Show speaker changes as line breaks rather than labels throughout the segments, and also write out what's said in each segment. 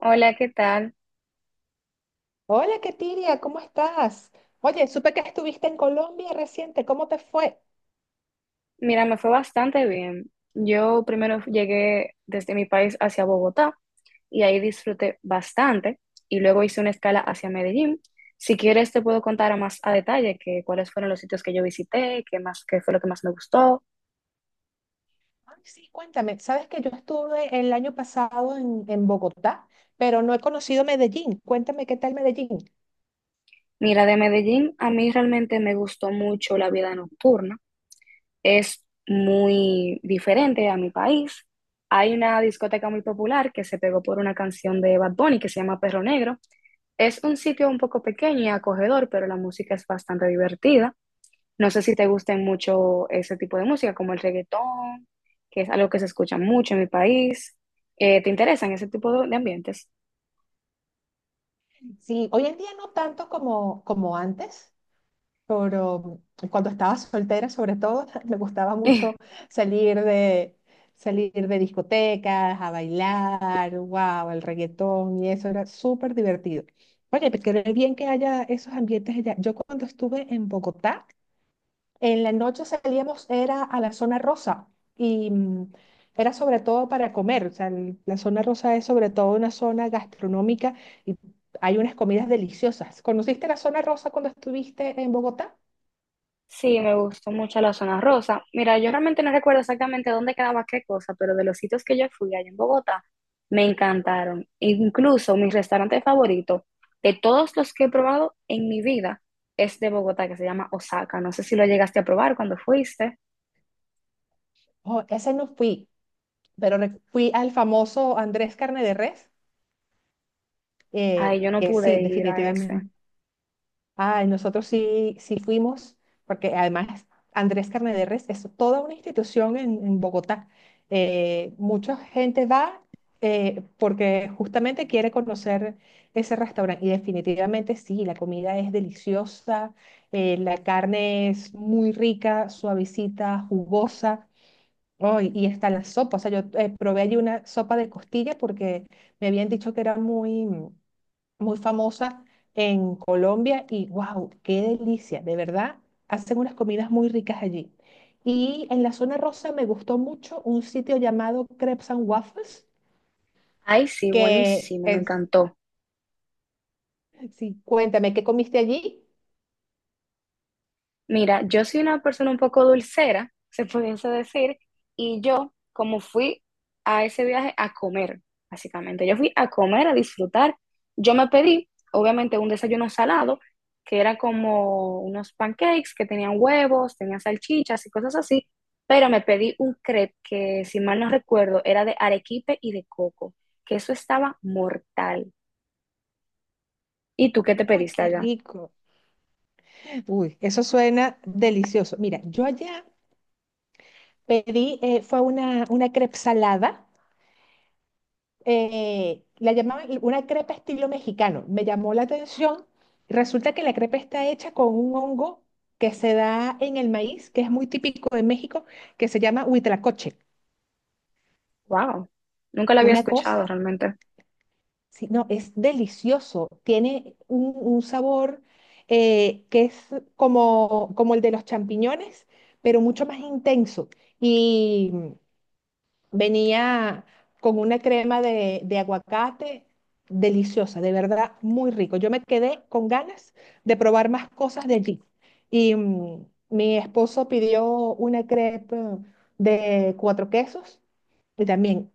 Hola, ¿qué tal?
Hola, Ketiria, ¿cómo estás? Oye, supe que estuviste en Colombia reciente, ¿cómo te fue?
Mira, me fue bastante bien. Yo primero llegué desde mi país hacia Bogotá y ahí disfruté bastante y luego hice una escala hacia Medellín. Si quieres te puedo contar a más a detalle que cuáles fueron los sitios que yo visité, qué más, qué fue lo que más me gustó.
Ay, sí, cuéntame, sabes que yo estuve el año pasado en Bogotá, pero no he conocido Medellín. Cuéntame qué tal Medellín.
Mira, de Medellín a mí realmente me gustó mucho la vida nocturna. Es muy diferente a mi país. Hay una discoteca muy popular que se pegó por una canción de Bad Bunny que se llama Perro Negro. Es un sitio un poco pequeño y acogedor, pero la música es bastante divertida. No sé si te gusten mucho ese tipo de música, como el reggaetón, que es algo que se escucha mucho en mi país. ¿Te interesan ese tipo de ambientes?
Sí, hoy en día no tanto como antes, pero cuando estaba soltera, sobre todo, me gustaba mucho salir de, salir de discotecas, a bailar, wow, el reggaetón y eso era súper divertido. Oye, pues qué bien que haya esos ambientes allá. Yo cuando estuve en Bogotá, en la noche salíamos, era a la zona rosa y era sobre todo para comer. O sea, la zona rosa es sobre todo una zona gastronómica y hay unas comidas deliciosas. ¿Conociste la zona rosa cuando estuviste en Bogotá?
Sí, me gustó mucho la zona rosa. Mira, yo realmente no recuerdo exactamente dónde quedaba qué cosa, pero de los sitios que yo fui allá en Bogotá, me encantaron. Incluso mi restaurante favorito de todos los que he probado en mi vida es de Bogotá, que se llama Osaka. No sé si lo llegaste a probar cuando fuiste.
Oh, ese no fui, pero fui al famoso Andrés Carne de Res,
Ay, yo no
que sí,
pude ir a ese.
definitivamente. Ay, nosotros sí, sí fuimos, porque además Andrés Carne de Res es toda una institución en Bogotá. Mucha gente va porque justamente quiere conocer ese restaurante y definitivamente sí, la comida es deliciosa, la carne es muy rica, suavecita, jugosa. Oh, y está la sopa. O sea, yo probé allí una sopa de costilla porque me habían dicho que era muy famosa en Colombia y wow, qué delicia. De verdad, hacen unas comidas muy ricas allí. Y en la zona rosa me gustó mucho un sitio llamado Crepes and Waffles,
Ay, sí,
que
buenísimo, me
es,
encantó.
sí, cuéntame, ¿qué comiste allí?
Mira, yo soy una persona un poco dulcera, se pudiese decir, y yo, como fui a ese viaje a comer, básicamente, yo fui a comer, a disfrutar, yo me pedí, obviamente, un desayuno salado, que era como unos pancakes que tenían huevos, tenían salchichas y cosas así, pero me pedí un crepe que, si mal no recuerdo, era de arequipe y de coco, que eso estaba mortal. ¿Y tú qué te
Uy,
pediste
qué
allá?
rico. Uy, eso suena delicioso. Mira, yo allá pedí, fue una crepe salada la llamaban una crepa estilo mexicano. Me llamó la atención. Resulta que la crepa está hecha con un hongo que se da en el maíz, que es muy típico de México, que se llama huitlacoche.
Wow, nunca lo había
Una
escuchado
cosa,
realmente,
sí, no, es delicioso. Tiene un sabor que es como el de los champiñones, pero mucho más intenso. y Venía con una crema de aguacate deliciosa, de verdad, muy rico. Yo me quedé con ganas de probar más cosas de allí. Y mi esposo pidió una crepe de cuatro quesos y también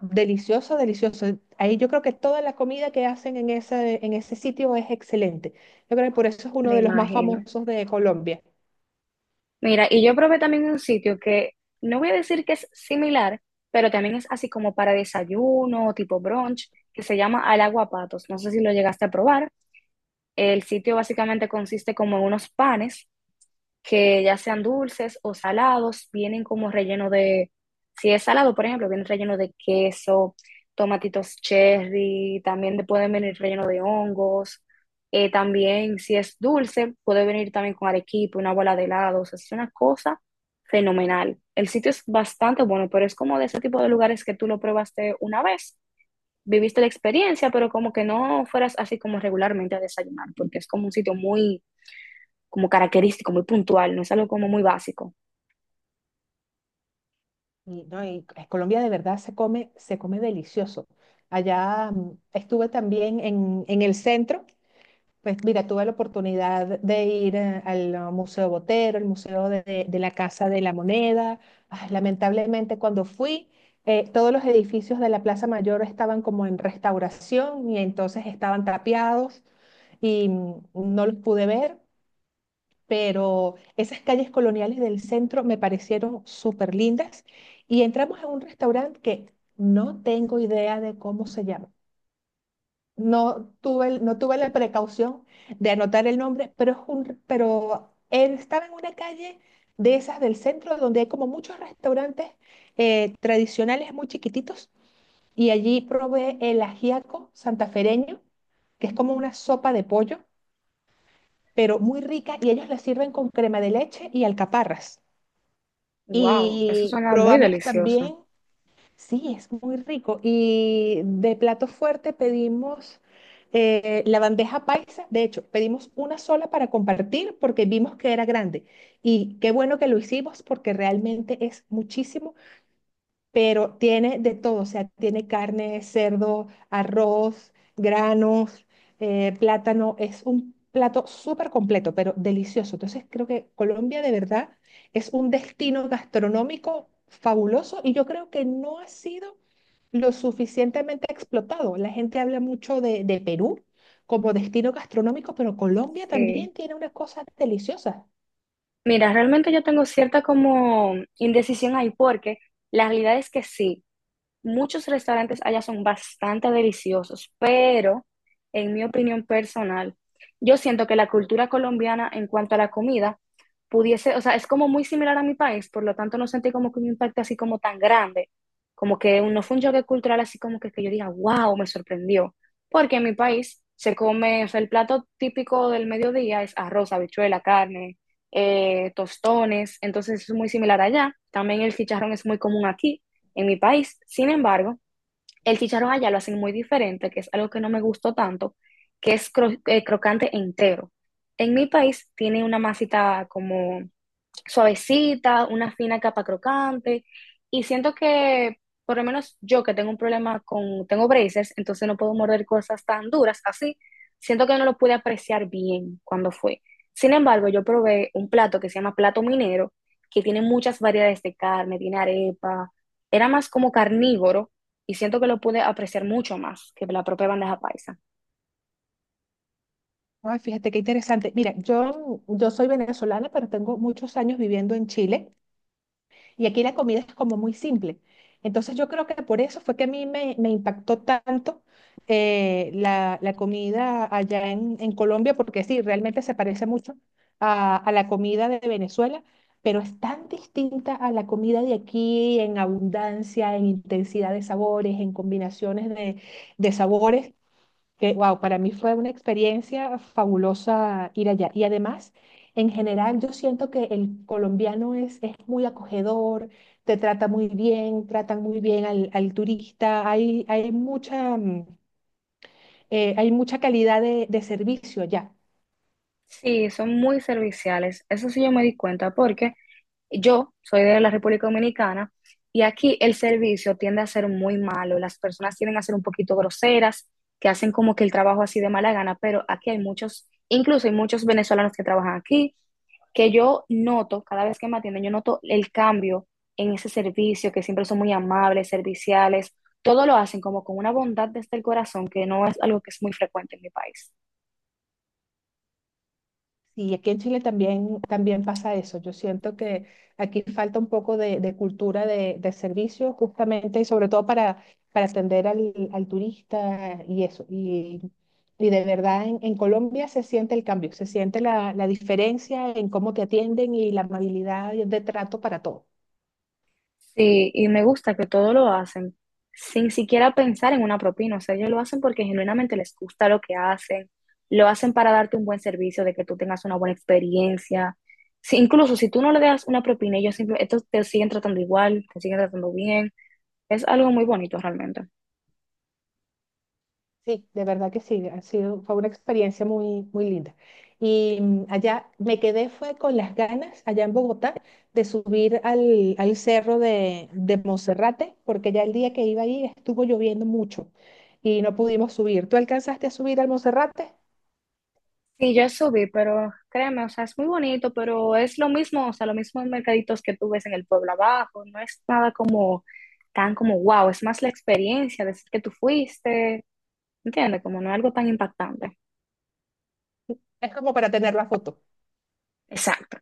delicioso, delicioso. Ahí yo creo que toda la comida que hacen en ese sitio es excelente. Yo creo que por eso es uno
me
de los más
imagino.
famosos de Colombia.
Mira, y yo probé también un sitio que no voy a decir que es similar, pero también es así como para desayuno, tipo brunch, que se llama Al Agua Patos. No sé si lo llegaste a probar. El sitio básicamente consiste como en unos panes que ya sean dulces o salados, vienen como relleno de, si es salado, por ejemplo, viene relleno de queso, tomatitos cherry, también te pueden venir relleno de hongos, también si es dulce, puede venir también con arequipe, una bola de helado, o sea, es una cosa fenomenal. El sitio es bastante bueno, pero es como de ese tipo de lugares que tú lo probaste una vez, viviste la experiencia, pero como que no fueras así como regularmente a desayunar, porque es como un sitio muy como característico, muy puntual, no es algo como muy básico.
Y, no, y en Colombia de verdad se come delicioso. Allá estuve también en el centro, pues mira, tuve la oportunidad de ir al Museo Botero, el Museo de la Casa de la Moneda. Ah, lamentablemente cuando fui, todos los edificios de la Plaza Mayor estaban como en restauración y entonces estaban tapiados y no los pude ver, pero esas calles coloniales del centro me parecieron súper lindas y entramos a un restaurante que no tengo idea de cómo se llama. No tuve la precaución de anotar el nombre, pero, pero él estaba en una calle de esas del centro donde hay como muchos restaurantes tradicionales muy chiquititos y allí probé el ajiaco santafereño, que es como una sopa de pollo, pero muy rica y ellos la sirven con crema de leche y alcaparras.
Wow, eso
Y
suena muy
probamos
delicioso.
también, sí, es muy rico. Y de plato fuerte pedimos la bandeja paisa. De hecho, pedimos una sola para compartir porque vimos que era grande. Y qué bueno que lo hicimos porque realmente es muchísimo, pero tiene de todo, o sea, tiene carne, cerdo, arroz, granos, plátano, es un plato súper completo, pero delicioso. Entonces creo que Colombia de verdad es un destino gastronómico fabuloso y yo creo que no ha sido lo suficientemente explotado. La gente habla mucho de Perú como destino gastronómico, pero Colombia
Sí.
también tiene unas cosas deliciosas.
Mira, realmente yo tengo cierta como indecisión ahí porque la realidad es que sí. Muchos restaurantes allá son bastante deliciosos, pero en mi opinión personal, yo siento que la cultura colombiana en cuanto a la comida pudiese, o sea, es como muy similar a mi país, por lo tanto no sentí como que un impacto así como tan grande, como que no fue un choque cultural así como que yo diga, wow, me sorprendió, porque en mi país se come, o sea, el plato típico del mediodía es arroz, habichuela, carne, tostones, entonces es muy similar allá, también el chicharrón es muy común aquí en mi país. Sin embargo, el chicharrón allá lo hacen muy diferente, que es algo que no me gustó tanto, que es crocante entero. En mi país tiene una masita como suavecita, una fina capa crocante. Y siento que, por lo menos yo que tengo un problema con, tengo braces, entonces no puedo morder cosas tan duras así, siento que no lo pude apreciar bien cuando fue. Sin embargo, yo probé un plato que se llama plato minero, que tiene muchas variedades de carne, tiene arepa, era más como carnívoro y siento que lo pude apreciar mucho más que la propia bandeja paisa.
Ay, fíjate qué interesante. Mira, yo soy venezolana, pero tengo muchos años viviendo en Chile y aquí la comida es como muy simple. Entonces yo creo que por eso fue que a me impactó tanto la comida allá en Colombia, porque sí, realmente se parece mucho a la comida de Venezuela, pero es tan distinta a la comida de aquí en abundancia, en intensidad de sabores, en combinaciones de sabores que, wow, para mí fue una experiencia fabulosa ir allá. Y además, en general, yo siento que el colombiano es muy acogedor, te trata muy bien, tratan muy bien al turista, hay mucha, hay mucha calidad de servicio allá.
Sí, son muy serviciales, eso sí yo me di cuenta porque yo soy de la República Dominicana y aquí el servicio tiende a ser muy malo. Las personas tienden a ser un poquito groseras, que hacen como que el trabajo así de mala gana, pero aquí hay muchos, incluso hay muchos venezolanos que trabajan aquí, que yo noto, cada vez que me atienden, yo noto el cambio en ese servicio, que siempre son muy amables, serviciales, todo lo hacen como con una bondad desde el corazón, que no es algo que es muy frecuente en mi país.
Sí, aquí en Chile también, también pasa eso. Yo siento que aquí falta un poco de cultura de servicio, justamente, y sobre todo para atender al turista y eso. Y de verdad, en Colombia se siente el cambio, se siente la diferencia en cómo te atienden y la amabilidad de trato para todos.
Sí, y me gusta que todo lo hacen sin siquiera pensar en una propina. O sea, ellos lo hacen porque genuinamente les gusta lo que hacen. Lo hacen para darte un buen servicio, de que tú tengas una buena experiencia. Incluso si tú no le das una propina, ellos estos te siguen tratando igual, te siguen tratando bien. Es algo muy bonito realmente.
Sí, de verdad que sí, ha sido, fue una experiencia muy, muy linda. Y allá me quedé, fue con las ganas, allá en Bogotá, de subir al cerro de Monserrate, porque ya el día que iba ahí estuvo lloviendo mucho y no pudimos subir. ¿Tú alcanzaste a subir al Monserrate?
Sí, yo subí, pero créeme, o sea, es muy bonito, pero es lo mismo, o sea, los mismos mercaditos que tú ves en el pueblo abajo. No es nada como tan como wow, es más la experiencia, decir que tú fuiste. ¿Entiendes? Como no es algo tan impactante.
Es como para tener la foto.
Exacto.